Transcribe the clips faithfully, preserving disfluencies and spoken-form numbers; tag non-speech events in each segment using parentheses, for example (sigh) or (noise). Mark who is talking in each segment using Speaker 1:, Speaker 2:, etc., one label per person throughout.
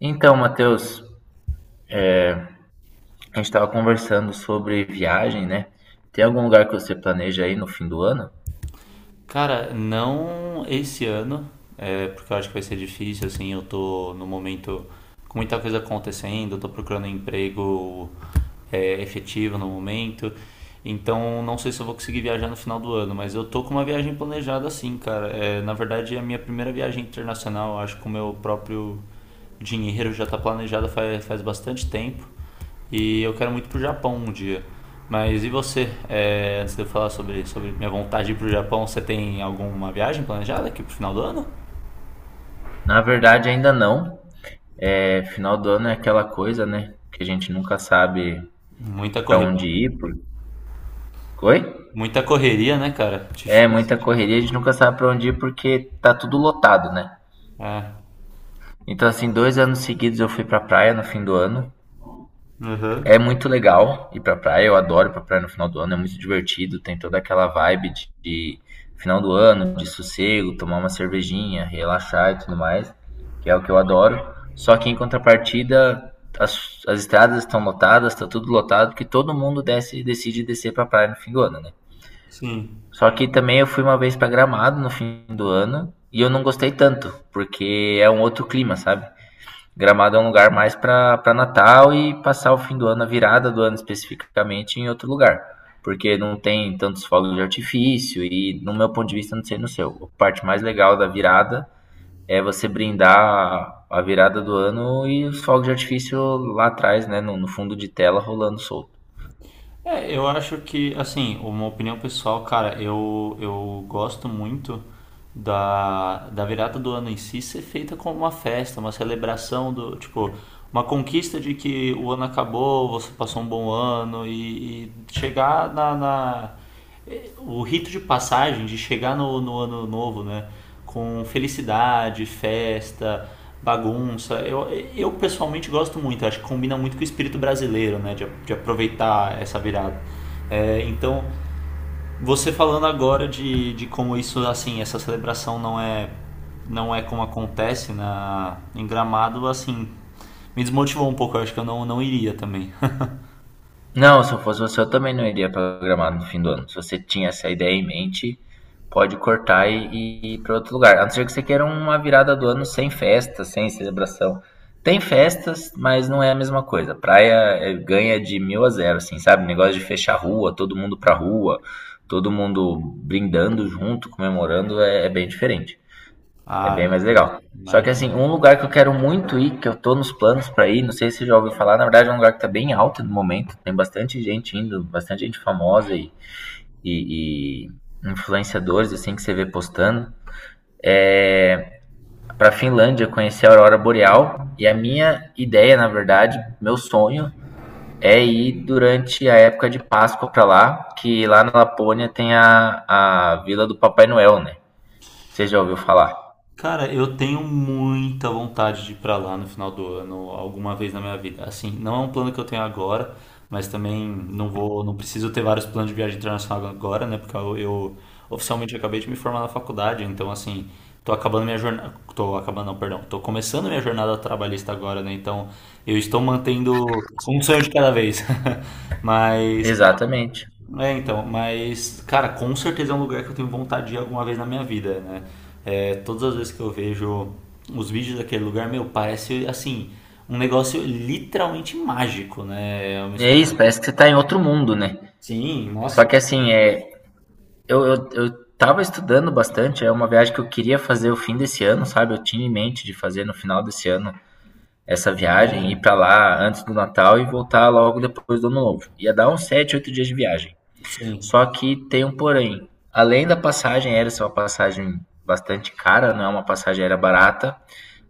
Speaker 1: Então, Matheus, a gente estava conversando sobre viagem, né? Tem algum lugar que você planeja aí no fim do ano?
Speaker 2: Cara, não esse ano, é, porque eu acho que vai ser difícil, assim, eu tô no momento com muita coisa acontecendo, eu tô procurando emprego é, efetivo no momento, então não sei se eu vou conseguir viajar no final do ano, mas eu tô com uma viagem planejada assim, cara. É, na verdade, é a minha primeira viagem internacional, eu acho que o meu próprio dinheiro já tá planejada faz, faz bastante tempo. E eu quero muito pro Japão um dia. Mas e você? É, antes de eu falar sobre, sobre minha vontade de ir pro Japão, você tem alguma viagem planejada aqui pro final do ano?
Speaker 1: Na verdade, ainda não. É, final do ano é aquela coisa, né? Que a gente nunca sabe
Speaker 2: Muita
Speaker 1: para
Speaker 2: correria.
Speaker 1: onde ir. Por... Oi?
Speaker 2: Muita correria, né, cara?
Speaker 1: É
Speaker 2: Difícil.
Speaker 1: muita correria, a gente nunca sabe para onde ir porque tá tudo lotado, né?
Speaker 2: É.
Speaker 1: Então, assim, dois anos seguidos eu fui pra praia no fim do ano.
Speaker 2: Aham.
Speaker 1: É muito legal ir pra praia, eu adoro ir pra praia no final do ano, é muito divertido, tem toda aquela vibe de, de final do ano, de sossego, tomar uma cervejinha, relaxar e tudo mais, que é o que eu adoro. Só que em contrapartida, as, as estradas estão lotadas, tá tudo lotado, porque todo mundo desce, decide descer pra praia no fim do ano, né?
Speaker 2: Sim.
Speaker 1: Só que também eu fui uma vez pra Gramado no fim do ano e eu não gostei tanto, porque é um outro clima, sabe? Gramado é um lugar mais para Natal e passar o fim do ano, a virada do ano especificamente, em outro lugar. Porque não tem tantos fogos de artifício e, no meu ponto de vista, não sei no seu. A parte mais legal da virada é você brindar a- virada do ano e os fogos de artifício lá atrás, né, no, no fundo de tela, rolando solto.
Speaker 2: É, eu acho que, assim, uma opinião pessoal, cara, eu, eu gosto muito da, da virada do ano em si ser feita como uma festa, uma celebração do, tipo, uma conquista de que o ano acabou, você passou um bom ano e, e chegar na, na, o rito de passagem, de chegar no, no ano novo, né? Com felicidade, festa, bagunça. Eu, eu pessoalmente gosto muito, acho que combina muito com o espírito brasileiro, né? De, de aproveitar essa virada. É, então, você falando agora de, de como isso, assim, essa celebração não é não é como acontece na, em Gramado, assim, me desmotivou um pouco. Eu acho que eu não, não iria também. (laughs)
Speaker 1: Não, se eu fosse você, eu também não iria programar no fim do ano. Se você tinha essa ideia em mente, pode cortar e, e ir para outro lugar. A não ser que você queira uma virada do ano sem festa, sem celebração. Tem festas, mas não é a mesma coisa. Praia é, ganha de mil a zero, assim, sabe? Negócio de fechar a rua, todo mundo pra rua, todo mundo brindando junto, comemorando, é, é bem diferente. É bem
Speaker 2: Ah,
Speaker 1: mais legal. Só que assim,
Speaker 2: imagina.
Speaker 1: um lugar que eu quero muito ir, que eu tô nos planos pra ir, não sei se você já ouviu falar, na verdade é um lugar que tá bem alto no momento, tem bastante gente indo, bastante gente famosa e, e, e influenciadores assim que você vê postando. É pra Finlândia conhecer a aurora boreal e a minha ideia, na verdade, meu sonho é ir durante a época de Páscoa pra lá, que lá na Lapônia tem a, a Vila do Papai Noel, né? Você já ouviu falar?
Speaker 2: Cara, eu tenho muita vontade de ir pra lá no final do ano, alguma vez na minha vida. Assim, não é um plano que eu tenho agora, mas também não vou, não preciso ter vários planos de viagem internacional agora, né? Porque eu, eu oficialmente acabei de me formar na faculdade, então assim, tô acabando minha jornada, tô acabando, não, perdão, tô começando minha jornada trabalhista agora, né? Então, eu estou mantendo um sonho de cada vez. (laughs) Mas,
Speaker 1: Exatamente.
Speaker 2: é, então, mas, cara, com certeza é um lugar que eu tenho vontade de ir alguma vez na minha vida, né? É, todas as vezes que eu vejo os vídeos daquele lugar, meu, parece, assim, um negócio literalmente mágico, né? É uma
Speaker 1: É
Speaker 2: exp-
Speaker 1: isso, parece que você tá em outro mundo, né?
Speaker 2: Sim,
Speaker 1: Só
Speaker 2: nossa,
Speaker 1: que
Speaker 2: que
Speaker 1: assim, é, eu, eu, eu tava estudando bastante, é uma viagem que eu queria fazer o fim desse ano, sabe? Eu tinha em mente de fazer no final desse ano essa viagem, ir
Speaker 2: privilégio.
Speaker 1: pra lá antes do Natal e voltar logo depois do Ano Novo. Ia dar uns sete, oito dias de viagem.
Speaker 2: Sim.
Speaker 1: Só que tem um porém. Além da passagem aérea ser uma passagem bastante cara, não é uma passagem aérea barata,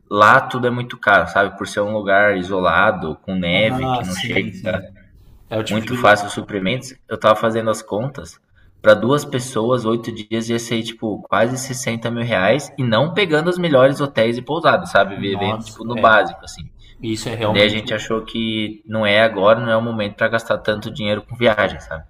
Speaker 1: lá tudo é muito caro, sabe? Por ser um lugar isolado, com neve,
Speaker 2: Ah,
Speaker 1: que não
Speaker 2: sim,
Speaker 1: chega
Speaker 2: sim. É o tipo
Speaker 1: muito
Speaker 2: de.
Speaker 1: fácil os suprimentos. Eu tava fazendo as contas. Pra duas pessoas, oito dias ia ser, tipo, quase sessenta mil reais. E não pegando os melhores hotéis e pousadas, sabe? Vivendo,
Speaker 2: Nossa,
Speaker 1: tipo, no
Speaker 2: é.
Speaker 1: básico, assim.
Speaker 2: Isso é
Speaker 1: Daí a
Speaker 2: realmente.
Speaker 1: gente achou que não é agora, não é o momento pra gastar tanto dinheiro com viagem, sabe?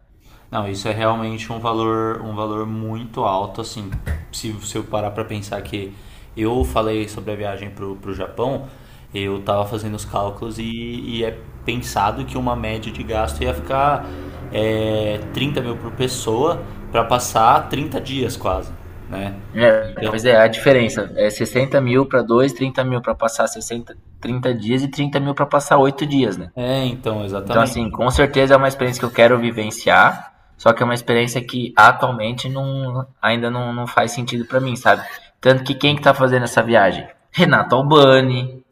Speaker 2: Não, isso é realmente um valor, um valor muito alto, assim, se você parar para pensar que eu falei sobre a viagem pro, pro Japão, eu tava fazendo os cálculos e, e é pensado que uma média de gasto ia ficar é, trinta mil por pessoa para passar trinta dias quase, né?
Speaker 1: É, pois
Speaker 2: Então,
Speaker 1: é, a diferença é sessenta mil pra dois, trinta mil pra passar sessenta, trinta dias e trinta mil pra passar oito dias, né?
Speaker 2: é, então,
Speaker 1: Então, assim,
Speaker 2: exatamente.
Speaker 1: com certeza é uma experiência que eu quero vivenciar, só que é uma experiência que atualmente não, ainda não, não faz sentido pra mim, sabe? Tanto que quem que tá fazendo essa viagem? Renato Albani,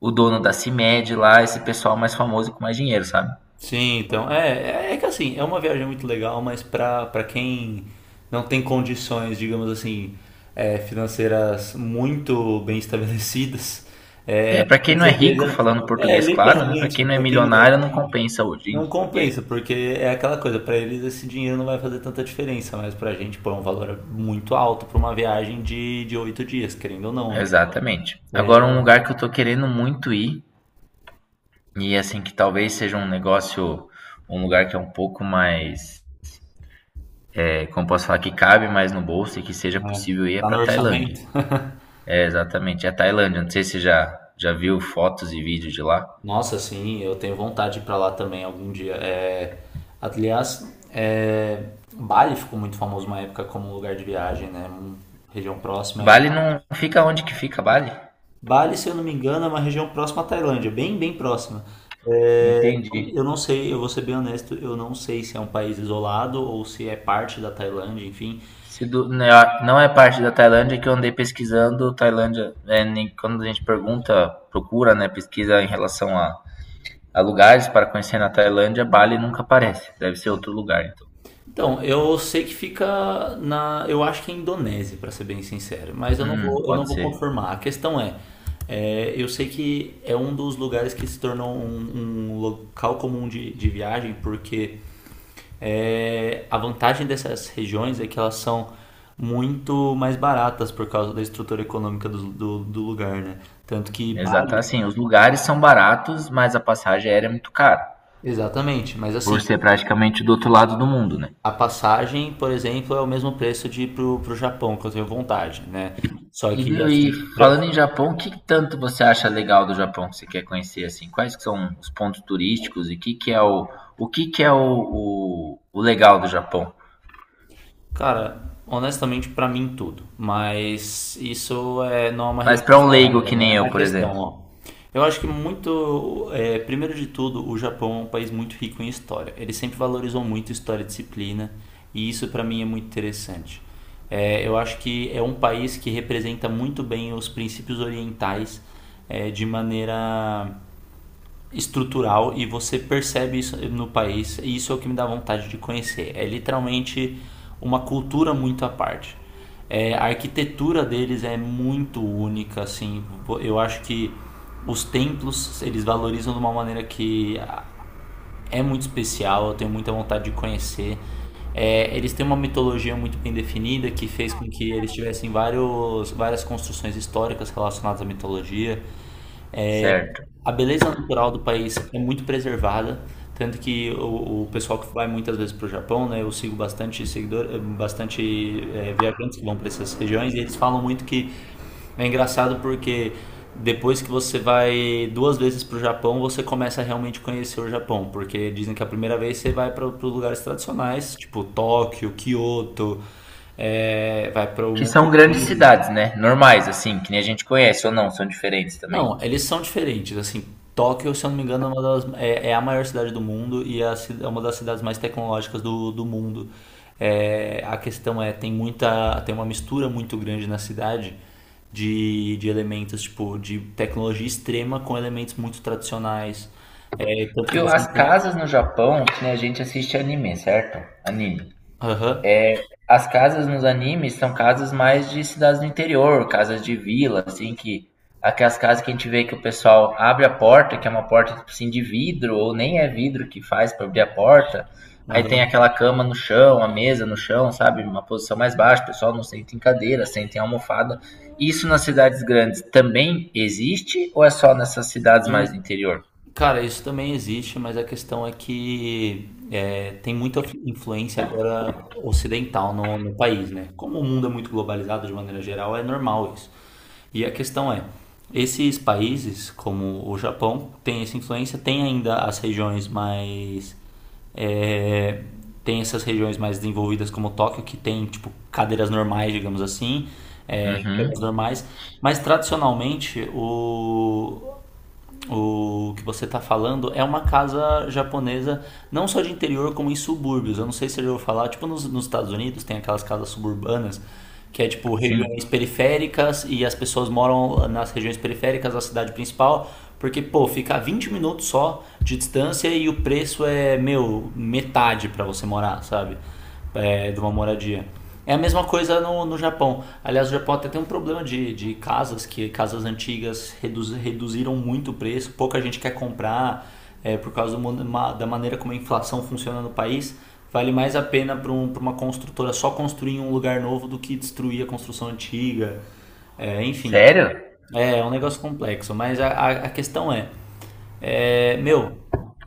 Speaker 1: o dono da CIMED lá, esse pessoal mais famoso e com mais dinheiro, sabe?
Speaker 2: Sim, então. É, é, é que assim, é uma viagem muito legal, mas pra, pra quem não tem condições, digamos assim, é, financeiras muito bem estabelecidas,
Speaker 1: É, pra quem
Speaker 2: com
Speaker 1: não é rico,
Speaker 2: certeza.
Speaker 1: falando
Speaker 2: É,
Speaker 1: português, claro, né? Pra quem
Speaker 2: literalmente,
Speaker 1: não é
Speaker 2: pra quem não é
Speaker 1: milionário, não
Speaker 2: rico,
Speaker 1: compensa hoje em
Speaker 2: não
Speaker 1: dia.
Speaker 2: compensa, porque é aquela coisa, pra eles esse dinheiro não vai fazer tanta diferença, mas pra gente, pô, é um valor muito alto pra uma viagem de, de oito dias, querendo ou não, né?
Speaker 1: Exatamente. Agora, um lugar que eu tô querendo muito ir, e assim, que talvez seja um negócio, um lugar que é um pouco mais é, como posso falar, que cabe mais no bolso e que seja
Speaker 2: É,
Speaker 1: possível ir é
Speaker 2: tá no
Speaker 1: para a
Speaker 2: orçamento?
Speaker 1: Tailândia. É, exatamente, é a Tailândia. Não sei se você já, já viu fotos e vídeos de lá.
Speaker 2: Nossa, sim, eu tenho vontade de ir pra lá também algum dia. É, aliás, é, Bali ficou muito famoso uma época como um lugar de viagem, né? Um- região próxima aí.
Speaker 1: Bali não fica onde que fica Bali?
Speaker 2: Bali, se eu não me engano, é uma região próxima à Tailândia, bem, bem próxima. É, eu
Speaker 1: Entendi.
Speaker 2: não sei, eu vou ser bem honesto, eu não sei se é um país isolado ou se é parte da Tailândia, enfim.
Speaker 1: Se do- Né, não é parte da Tailândia que eu andei pesquisando, Tailândia, é, nem, quando a gente pergunta, procura, né, pesquisa em relação a, a lugares para conhecer na Tailândia, Bali nunca aparece. Deve ser outro lugar, então.
Speaker 2: Então, eu sei que fica na, eu acho que é Indonésia, para ser bem sincero, mas eu não
Speaker 1: Hum,
Speaker 2: vou, eu não
Speaker 1: pode
Speaker 2: vou
Speaker 1: ser.
Speaker 2: confirmar. A questão é, é, eu sei que é um dos lugares que se tornou um, um local comum de, de viagem, porque é, a vantagem dessas regiões é que elas são muito mais baratas por causa da estrutura econômica do, do, do lugar, né? Tanto que
Speaker 1: Exato,
Speaker 2: Bali,
Speaker 1: assim, os lugares são baratos, mas a passagem aérea é muito cara,
Speaker 2: exatamente, mas
Speaker 1: por
Speaker 2: assim,
Speaker 1: ser praticamente do outro lado do mundo, né?
Speaker 2: a passagem, por exemplo, é o mesmo preço de ir pro, pro Japão, que eu tenho vontade, né? Só
Speaker 1: E
Speaker 2: que,
Speaker 1: viu, e
Speaker 2: assim, eu-
Speaker 1: falando em Japão, o que tanto você acha legal do Japão que você quer conhecer assim? Quais que são os pontos turísticos e que que é o o que que é o, o, o legal do Japão?
Speaker 2: cara, honestamente, pra mim tudo. Mas isso é, não é uma
Speaker 1: Mas para
Speaker 2: resposta
Speaker 1: um leigo
Speaker 2: válida,
Speaker 1: que nem
Speaker 2: né? A
Speaker 1: eu, por
Speaker 2: questão,
Speaker 1: exemplo,
Speaker 2: ó. Eu acho que muito, é, primeiro de tudo, o Japão é um país muito rico em história. Ele sempre valorizou muito história e disciplina, e isso pra mim é muito interessante. É, eu acho que é um país que representa muito bem os princípios orientais, é, de maneira estrutural e você percebe isso no país e isso é o que me dá vontade de conhecer. É literalmente uma cultura muito à parte. É, a arquitetura deles é muito única, assim. Eu acho que os templos eles valorizam de uma maneira que é muito especial. Eu tenho muita vontade de conhecer. É, eles têm uma mitologia muito bem definida que fez com que eles tivessem vários, várias construções históricas relacionadas à mitologia.
Speaker 1: certo?
Speaker 2: A beleza natural do país é muito preservada, tanto que o, o pessoal que vai muitas vezes para o Japão, né, eu sigo bastante seguidor, eh, bastante eh, viajantes que vão para essas regiões e eles falam muito que é engraçado porque depois que você vai duas vezes para o Japão, você começa a realmente conhecer o Japão, porque dizem que a primeira vez você vai para os lugares tradicionais, tipo Tóquio, Kyoto, eh, vai para o
Speaker 1: Que
Speaker 2: Monte
Speaker 1: são grandes
Speaker 2: Fuji.
Speaker 1: cidades, né? Normais assim, que nem a gente conhece ou não, são diferentes também.
Speaker 2: Não, eles são diferentes, assim, Tóquio, se eu não me engano, é, uma das- é- é a maior cidade do mundo e é a ci- é uma das cidades mais tecnológicas do, do mundo. É, a questão é, tem muita, tem uma mistura muito grande na cidade de, de elementos, tipo, de tecnologia extrema com elementos muito tradicionais. É, tanto que
Speaker 1: Viu,
Speaker 2: você...
Speaker 1: as
Speaker 2: encontra-
Speaker 1: casas no Japão, que nem a gente assiste anime, certo? Anime.
Speaker 2: Aham,
Speaker 1: As casas nos animes são casas mais de cidades do interior, casas de vila, assim, que aquelas casas que a gente vê que o pessoal abre a porta, que é uma porta tipo assim de vidro, ou nem é vidro que faz para abrir a porta. Aí tem
Speaker 2: aham.
Speaker 1: aquela cama no chão, a mesa no chão, sabe? Uma posição mais baixa, o pessoal não senta em cadeira, senta em almofada. Isso nas cidades grandes também existe ou é só nessas cidades mais do interior?
Speaker 2: Cara, isso também existe, mas a questão é que é, tem muita influência agora ocidental no, no país, né? Como o mundo é muito globalizado de maneira geral, é normal isso. E a questão é, esses países, como o Japão, tem essa influência, tem ainda as regiões mais é, tem essas regiões mais desenvolvidas como Tóquio, que tem, tipo, cadeiras normais, digamos assim, é, cadeiras
Speaker 1: Uhum,
Speaker 2: normais, mas tradicionalmente o, o que você está falando é uma casa japonesa, não só de interior, como em subúrbios. Eu não sei se eu já ouviu falar, tipo nos, nos Estados Unidos tem aquelas casas suburbanas, que é tipo
Speaker 1: sim.
Speaker 2: regiões periféricas e as pessoas moram nas regiões periféricas da cidade principal, porque, pô, fica a vinte minutos só de distância e o preço é, meu, metade para você morar, sabe? É, de uma moradia. É a mesma coisa no, no Japão. Aliás, o Japão até tem um problema de, de casas, que casas antigas reduz, reduziram muito o preço, pouca gente quer comprar é, por causa do, da maneira como a inflação funciona no país. Vale mais a pena para um, pra uma construtora só construir um lugar novo do que destruir a construção antiga. É, enfim,
Speaker 1: Sério?
Speaker 2: é, é um negócio complexo. Mas a, a, a questão é, é, meu,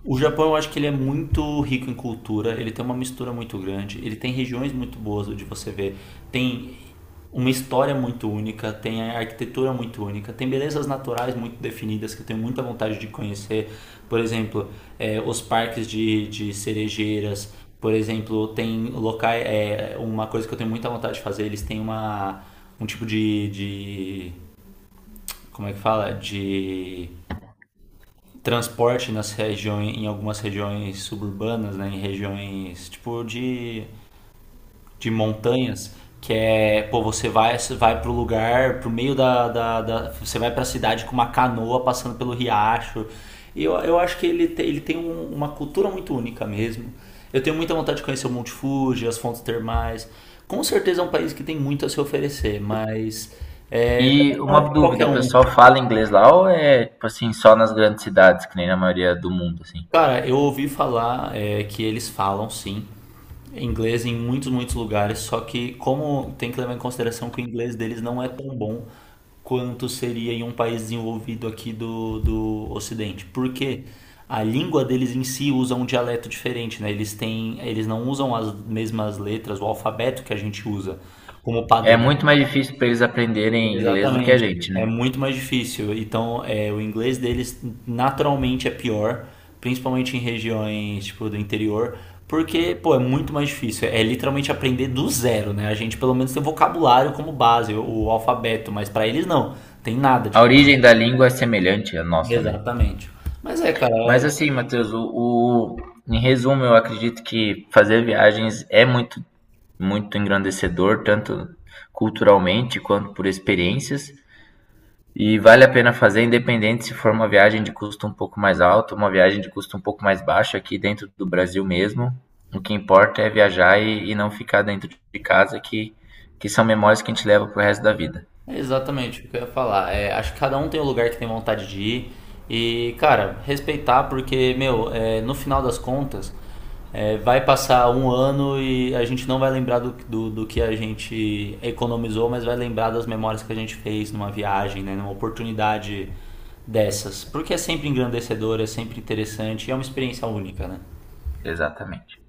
Speaker 2: o Japão, eu acho que ele é muito rico em cultura, ele tem uma mistura muito grande, ele tem regiões muito boas de você ver, tem uma história muito única, tem a arquitetura muito única, tem belezas naturais muito definidas que eu tenho muita vontade de conhecer. Por exemplo, eh, os parques de, de cerejeiras, por exemplo, tem locais. É uma coisa que eu tenho muita vontade de fazer, eles têm uma, um tipo de, de. Como é que fala? De transporte nas regiões, em algumas regiões suburbanas, né, em regiões tipo de, de montanhas, que é, pô, você vai, vai pro lugar, pro meio da, da, da Você vai pra cidade com uma canoa passando pelo riacho. E eu, eu acho que ele, te, ele tem um- uma cultura muito única mesmo. Eu tenho muita vontade de conhecer o Monte Fuji, as fontes termais. Com certeza é um país que tem muito a se oferecer, mas é, também
Speaker 1: E
Speaker 2: não é
Speaker 1: uma
Speaker 2: para
Speaker 1: dúvida,
Speaker 2: qualquer
Speaker 1: o
Speaker 2: um.
Speaker 1: pessoal fala inglês lá ou é, tipo assim, só nas grandes cidades, que nem na maioria do mundo, assim?
Speaker 2: Cara, eu ouvi falar é, que eles falam sim inglês em muitos, muitos lugares, só que como tem que levar em consideração que o inglês deles não é tão bom quanto seria em um país desenvolvido aqui do, do Ocidente. Porque a língua deles em si usa um dialeto diferente, né? Eles têm, eles não usam as mesmas letras, o alfabeto que a gente usa como
Speaker 1: É
Speaker 2: padrão.
Speaker 1: muito mais difícil para eles aprenderem inglês do que a
Speaker 2: Exatamente.
Speaker 1: gente,
Speaker 2: É
Speaker 1: né?
Speaker 2: muito mais difícil. Então, é, o inglês deles naturalmente é pior, principalmente em regiões, tipo, do interior, porque, pô, é muito mais difícil. É literalmente aprender do zero, né? A gente pelo menos tem vocabulário como base, o, o alfabeto, mas pra eles não. Tem nada de.
Speaker 1: A origem da língua é semelhante à nossa, né?
Speaker 2: Exatamente. Mas é, cara, é
Speaker 1: Mas assim, Matheus, o, o- em resumo, eu acredito que fazer viagens é muito, muito engrandecedor, tanto culturalmente quanto por experiências. E vale a pena fazer independente se for uma viagem de custo um pouco mais alto, uma viagem de custo um pouco mais baixo aqui dentro do Brasil mesmo. O que importa é viajar e, e não ficar dentro de casa, que, que são memórias que a gente leva pro resto da vida.
Speaker 2: é, exatamente o que eu ia falar. É, acho que cada um tem o lugar que tem vontade de ir. E, cara, respeitar, porque, meu, é, no final das contas, é, vai passar um ano e a gente não vai lembrar do, do, do que a gente economizou, mas vai lembrar das memórias que a gente fez numa viagem, né, numa oportunidade dessas. Porque é sempre engrandecedor, é sempre interessante e é uma experiência única, né?
Speaker 1: Exatamente.